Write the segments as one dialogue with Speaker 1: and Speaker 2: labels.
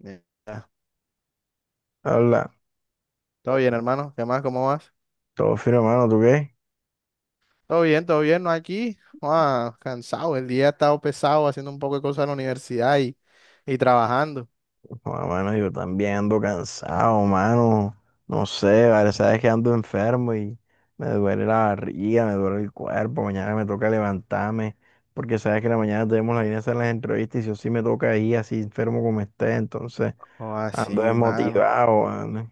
Speaker 1: Ya.
Speaker 2: Habla,
Speaker 1: Todo bien, hermano. ¿Qué más? ¿Cómo vas?
Speaker 2: todo fino mano, ¿tú qué?
Speaker 1: Todo bien, todo bien. No aquí. Ah, cansado. El día ha estado pesado haciendo un poco de cosas en la universidad y trabajando.
Speaker 2: Bueno, mano, yo también ando cansado, mano. No sé, vale, sabes que ando enfermo y me duele la barriga, me duele el cuerpo. Mañana me toca levantarme, porque sabes que en la mañana tenemos la idea de hacer las entrevistas y yo sí me toca ir así enfermo como esté, entonces
Speaker 1: Oh,
Speaker 2: ando
Speaker 1: así, mano.
Speaker 2: desmotivado, mano.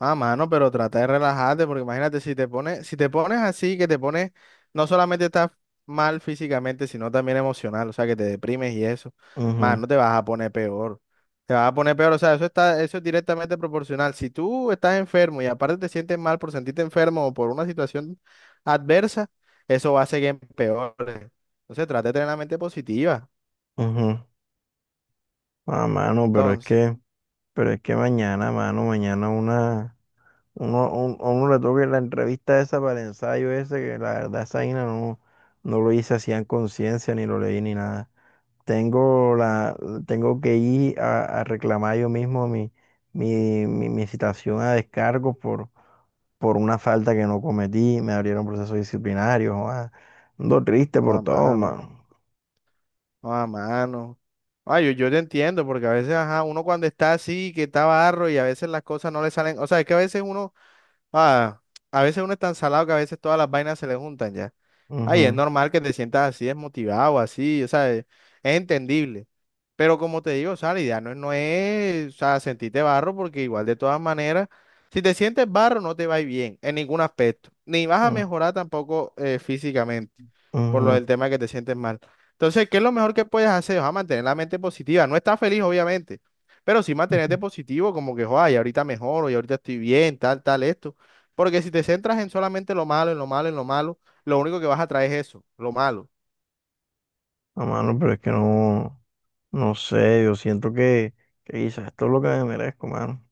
Speaker 1: Ah, mano, pero trata de relajarte, porque imagínate, si te pones así, que te pones, no solamente estás mal físicamente, sino también emocional, o sea, que te deprimes y eso,
Speaker 2: Ujú,
Speaker 1: mano, no te vas a poner peor. Te vas a poner peor, o sea, eso es directamente proporcional. Si tú estás enfermo y aparte te sientes mal por sentirte enfermo o por una situación adversa, eso va a seguir en peor. Entonces, trata de tener la mente positiva.
Speaker 2: ujú. Ah, mano, pero es
Speaker 1: Entonces,
Speaker 2: que, pero es que mañana, mano, mañana una. A uno le toca la entrevista esa para el ensayo ese, que la verdad esa vaina no lo hice así en conciencia, ni lo leí ni nada. Tengo la, Tengo que ir a reclamar yo mismo mi citación a descargo por una falta que no cometí, me abrieron procesos disciplinarios, joda. Ando triste
Speaker 1: no
Speaker 2: por
Speaker 1: a
Speaker 2: todo,
Speaker 1: mano,
Speaker 2: mano.
Speaker 1: no a mano. Ah, yo te entiendo, porque a veces, ajá, uno cuando está así, que está barro y a veces las cosas no le salen, o sea, es que a veces uno, ah, a veces uno es tan salado que a veces todas las vainas se le juntan ya. Ay, es
Speaker 2: Ujú,
Speaker 1: normal que te sientas así, desmotivado, así, o sea, es entendible. Pero como te digo, o sea, la idea no, es- no es, o sea, sentirte barro, porque igual de todas maneras, si te sientes barro, no te va a ir bien en ningún aspecto. Ni vas a
Speaker 2: ujú,
Speaker 1: mejorar tampoco físicamente, por lo
Speaker 2: ujú,
Speaker 1: del tema de que te sientes mal. Entonces, ¿qué es lo mejor que puedes hacer? O sea, mantener la mente positiva. No estás feliz, obviamente, pero sí
Speaker 2: ujú.
Speaker 1: mantenerte positivo, como que, joder, y ahorita mejoro, y ahorita estoy bien, tal, tal, esto. Porque si te centras en solamente lo malo, en lo malo, lo único que vas a traer es eso, lo malo.
Speaker 2: No, mano, pero es que no, no sé, yo siento que quizás esto es lo que me merezco, mano.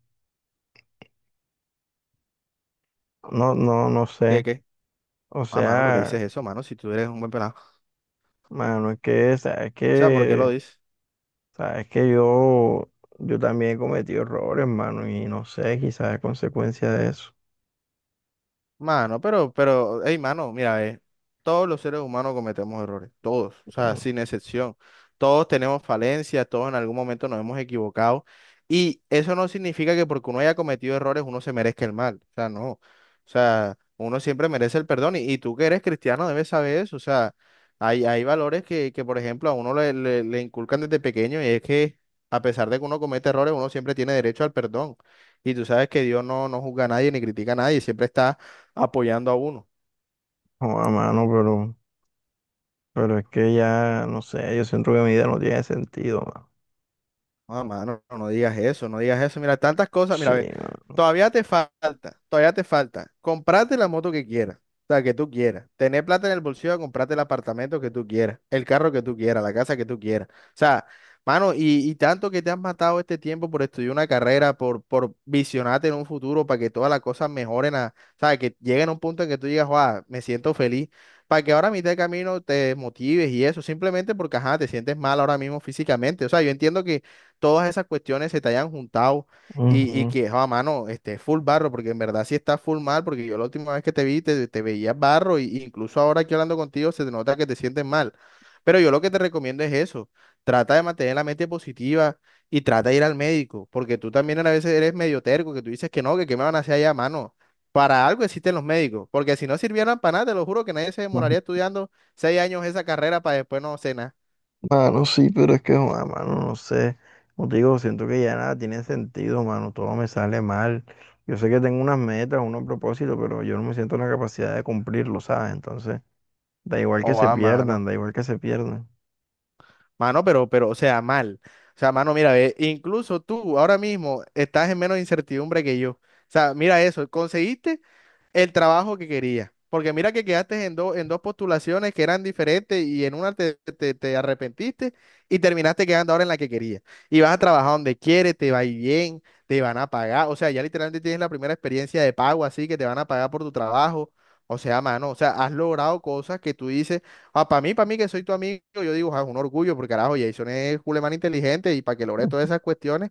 Speaker 2: No, no, no
Speaker 1: ¿Qué,
Speaker 2: sé.
Speaker 1: qué?
Speaker 2: O
Speaker 1: Ah, mano, porque dices
Speaker 2: sea,
Speaker 1: eso, mano, si tú eres un buen pelado.
Speaker 2: mano, es que, sabes
Speaker 1: O sea, ¿por qué lo
Speaker 2: que,
Speaker 1: dice?
Speaker 2: sabes que yo también he cometido errores, mano, y no sé, quizás a consecuencia de eso.
Speaker 1: Hey, mano, mira, todos los seres humanos cometemos errores, todos, o sea, sin excepción. Todos tenemos falencias, todos en algún momento nos hemos equivocado. Y eso no significa que porque uno haya cometido errores uno se merezca el mal, o sea, no. O sea, uno siempre merece el perdón y tú que eres cristiano debes saber eso, o sea, hay valores por ejemplo, a uno le inculcan desde pequeño y es que a pesar de que uno comete errores, uno siempre tiene derecho al perdón. Y tú sabes que Dios no, no juzga a nadie ni critica a nadie, siempre está apoyando a uno.
Speaker 2: No, a mano, pero es que ya, no sé, yo siento que mi vida no tiene sentido, mano.
Speaker 1: No, mano, no digas eso, no digas eso. Mira, tantas cosas, mira,
Speaker 2: Sí,
Speaker 1: ve,
Speaker 2: mano.
Speaker 1: todavía te falta. Comprate la moto que quieras, o sea, que tú quieras. Tener plata en el bolsillo, comprarte el apartamento que tú quieras, el carro que tú quieras, la casa que tú quieras. O sea, mano, y tanto que te has matado este tiempo por estudiar una carrera, por visionarte en un futuro, para que todas las cosas mejoren, a, o sea, que lleguen a un punto en que tú digas, wow, me siento feliz. Para que ahora a mitad de camino te motives y eso, simplemente porque, ajá, te sientes mal ahora mismo físicamente. O sea, yo entiendo que todas esas cuestiones se te hayan juntado y
Speaker 2: Ujú,
Speaker 1: que, a mano, esté full barro, porque en verdad sí está full mal, porque yo la última vez que te vi te veías barro, y incluso ahora aquí hablando contigo se te nota que te sientes mal. Pero yo lo que te recomiendo es eso, trata de mantener la mente positiva y trata de ir al médico, porque tú también a veces eres medio terco, que tú dices que no, que qué me van a hacer allá, mano. Para algo existen los médicos, porque si no sirvieran para nada, te lo juro que nadie se demoraría estudiando seis años esa carrera para después no cenar.
Speaker 2: mano, sí, pero es que, joda, mano, no sé. Como te digo, siento que ya nada tiene sentido, mano. Todo me sale mal. Yo sé que tengo unas metas, unos propósitos, pero yo no me siento en la capacidad de cumplirlo, ¿sabes? Entonces, da igual que
Speaker 1: Oh,
Speaker 2: se
Speaker 1: ah,
Speaker 2: pierdan,
Speaker 1: mano.
Speaker 2: da igual que se pierdan.
Speaker 1: O sea, mal. O sea, mano, mira, ve, incluso tú ahora mismo estás en menos incertidumbre que yo. O sea, mira eso, conseguiste el trabajo que querías. Porque mira que quedaste en dos postulaciones que eran diferentes y en una te arrepentiste y terminaste quedando ahora en la que querías. Y vas a trabajar donde quieres, te va a ir bien, te van a pagar. O sea, ya literalmente tienes la primera experiencia de pago así que te van a pagar por tu trabajo. O sea, has logrado cosas que tú dices. Ah, para mí que soy tu amigo, yo digo, ah, es un orgullo, porque carajo, Jason es culemán inteligente y para que logre todas esas cuestiones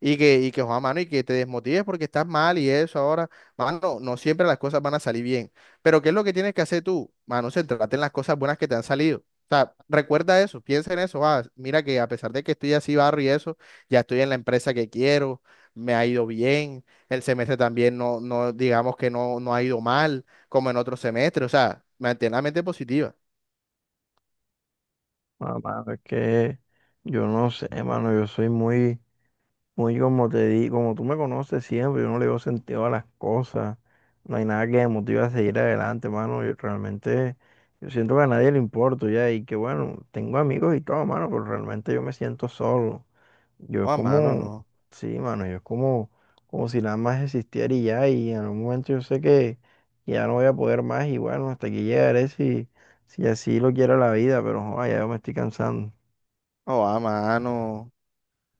Speaker 1: joda, mano, y que te desmotives porque estás mal y eso ahora, mano, no siempre las cosas van a salir bien. Pero ¿qué es lo que tienes que hacer tú? Mano, centrarte en las cosas buenas que te han salido. O sea, recuerda eso, piensa en eso, ah, mira que a pesar de que estoy así barro y eso, ya estoy en la empresa que quiero, me ha ido bien, el semestre también no, digamos que no, no ha ido mal, como en otros semestres, o sea, mantén la mente positiva.
Speaker 2: Ah, mano, es que yo no sé, mano. Yo soy muy como tú me conoces siempre, yo no le veo sentido a las cosas. No hay nada que me motive a seguir adelante, mano. Yo siento que a nadie le importo ya. Y que bueno, tengo amigos y todo, mano, pero realmente yo me siento solo. Yo es
Speaker 1: O a mano,
Speaker 2: como,
Speaker 1: no.
Speaker 2: sí, mano, yo es como si nada más existiera y ya. Y en un momento yo sé que ya no voy a poder más. Y bueno, hasta aquí llegaré si así lo quiera la vida, pero joder, ya yo me estoy cansando.
Speaker 1: O a mano.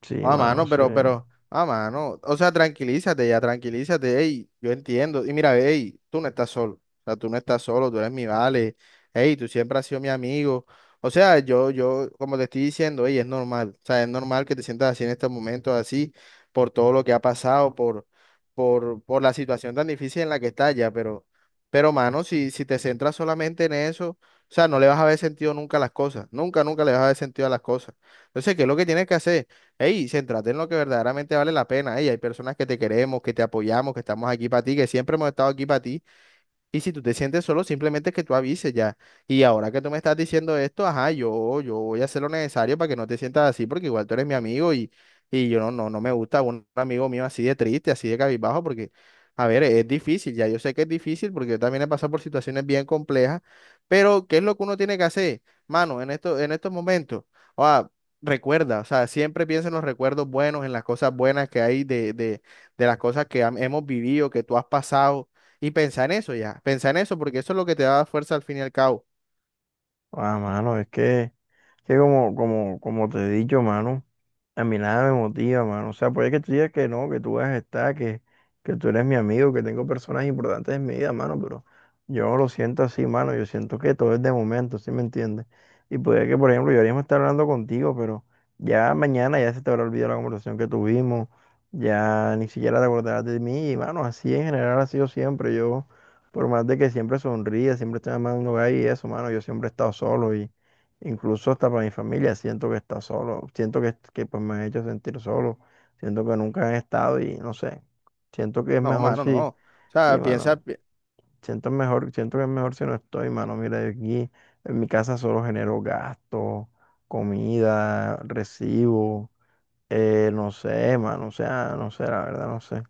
Speaker 2: Sí, mano, sí.
Speaker 1: O sea, tranquilízate ya, tranquilízate, ey, yo entiendo. Y mira, ey, tú no estás solo, o sea, tú no estás solo, tú eres mi vale, ey, tú siempre has sido mi amigo. O sea, yo, como te estoy diciendo, ey, es normal, o sea, es normal que te sientas así en estos momentos, así, por todo lo que ha pasado, por la situación tan difícil en la que estás ya, pero, mano, si te centras solamente en eso, o sea, no le vas a ver sentido nunca a las cosas, nunca le vas a ver sentido a las cosas. Entonces, ¿qué es lo que tienes que hacer? Hey, céntrate en lo que verdaderamente vale la pena. Hey, hay personas que te queremos, que te apoyamos, que estamos aquí para ti, que siempre hemos estado aquí para ti. Y si tú te sientes solo, simplemente que tú avises ya. Y ahora que tú me estás diciendo esto, ajá, yo voy a hacer lo necesario para que no te sientas así, porque igual tú eres mi amigo y yo no me gusta un amigo mío así de triste, así de cabizbajo, porque, a ver, es difícil, ya yo sé que es difícil, porque yo también he pasado por situaciones bien complejas, pero ¿qué es lo que uno tiene que hacer, mano, en estos momentos? O sea, recuerda, o sea, siempre piensa en los recuerdos buenos, en las cosas buenas que hay de las cosas que hemos vivido, que tú has pasado. Y piensa en eso ya, piensa en eso, porque eso es lo que te da fuerza al fin y al cabo.
Speaker 2: Ah, mano, es que. Que como te he dicho, mano, a mí nada me motiva, mano. O sea, puede que tú digas que no, que tú vas a estar, que tú eres mi amigo, que tengo personas importantes en mi vida, mano, pero yo no lo siento así, mano. Yo siento que todo es de momento, ¿sí me entiendes? Y puede que, por ejemplo, yo ahora mismo esté hablando contigo, pero ya mañana ya se te habrá olvidado la conversación que tuvimos, ya ni siquiera te acordarás de mí, y, mano, así en general ha sido siempre. Yo, por más de que siempre sonríe, siempre estoy amando ahí y eso, mano, yo siempre he estado solo y incluso hasta para mi familia siento que está solo, siento que pues me han hecho sentir solo, siento que nunca han estado y no sé, siento que es
Speaker 1: No,
Speaker 2: mejor
Speaker 1: mano, no.
Speaker 2: si,
Speaker 1: O sea,
Speaker 2: sí,
Speaker 1: piensa.
Speaker 2: mano, siento que es mejor si no estoy, mano, mira, yo aquí en mi casa solo genero gastos, comida, recibo, no sé, mano, o sea, no sé, la verdad, no sé.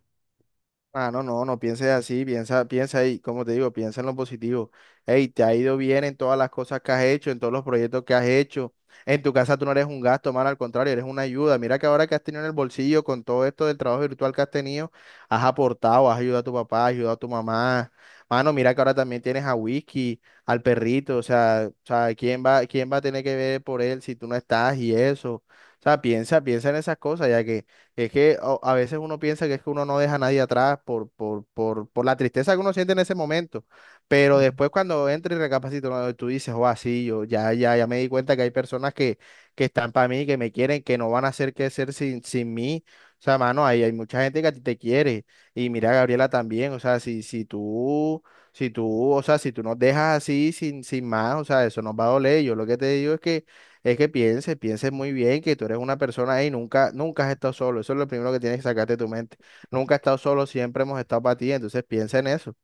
Speaker 1: Ah, no pienses así, piensa, piensa ahí, como te digo, piensa en lo positivo. Hey, te ha ido bien en todas las cosas que has hecho, en todos los proyectos que has hecho. En tu casa tú no eres un gasto, man, al contrario, eres una ayuda. Mira que ahora que has tenido en el bolsillo con todo esto del trabajo virtual que has tenido, has aportado, has ayudado a tu papá, has ayudado a tu mamá. Mano, mira que ahora también tienes a Whisky, al perrito, o sea, quién va a tener que ver por él si tú no estás y eso? O sea, piensa, piensa en esas cosas, ya que a veces uno piensa que es que uno no deja a nadie atrás por la tristeza que uno siente en ese momento, pero después cuando entra y recapacita, uno- tú dices, oh, así, yo ya me di cuenta que hay personas que están para mí, que me quieren, que no van a hacer qué hacer sin mí. O sea, mano, hay mucha gente que a ti te quiere. Y mira, Gabriela también, o sea, o sea, si tú nos dejas así sin más, o sea, eso nos va a doler. Yo lo que te digo es que pienses, pienses muy bien que tú eres una persona ahí, nunca has estado solo. Eso es lo primero que tienes que sacarte de tu mente. Nunca has estado solo, siempre hemos estado para ti. Entonces piensa en eso.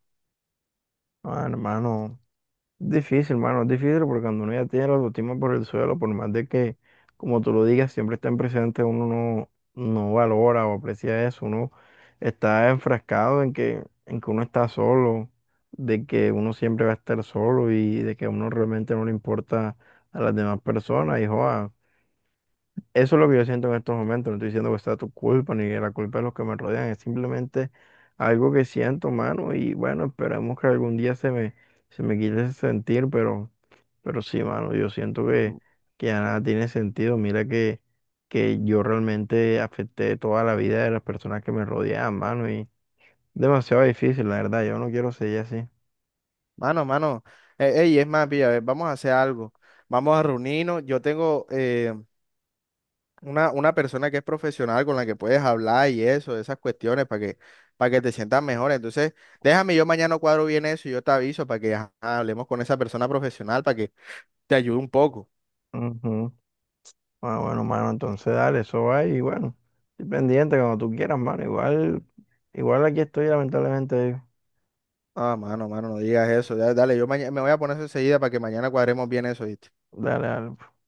Speaker 2: Ah, hermano, difícil, hermano, es difícil porque cuando uno ya tiene la autoestima por el suelo, por más de que, como tú lo digas, siempre está en presente, uno no, no valora o aprecia eso, uno está enfrascado en que uno está solo, de que uno siempre va a estar solo y de que a uno realmente no le importa a las demás personas, y joa, eso es lo que yo siento en estos momentos. No estoy diciendo que sea tu culpa ni la culpa de los que me rodean. Es simplemente algo que siento, mano. Y bueno, esperemos que algún día se me quite ese sentir. Pero sí, mano, yo siento que,
Speaker 1: M-
Speaker 2: que ya nada tiene sentido. Mira que yo realmente afecté toda la vida de las personas que me rodeaban, mano. Y demasiado difícil, la verdad. Yo no quiero seguir así.
Speaker 1: Mano, mano. Ey, es más, pilla, a ver, vamos a hacer algo. Vamos a reunirnos. Yo tengo una persona que es profesional con la que puedes hablar y eso, de esas cuestiones para que te sientas mejor. Entonces, déjame, yo mañana cuadro bien eso y yo te aviso para que ajá, hablemos con esa persona profesional para que te ayude un poco.
Speaker 2: Ujú. Ah, bueno, mano, entonces dale, eso va y bueno, estoy pendiente cuando tú quieras, mano. Igual aquí estoy, lamentablemente.
Speaker 1: Ah,
Speaker 2: Ah,
Speaker 1: mano,
Speaker 2: no.
Speaker 1: mano, no digas eso. Ya, dale, yo mañana me voy a poner eso enseguida para que mañana cuadremos bien eso, ¿viste?
Speaker 2: Dale, dale.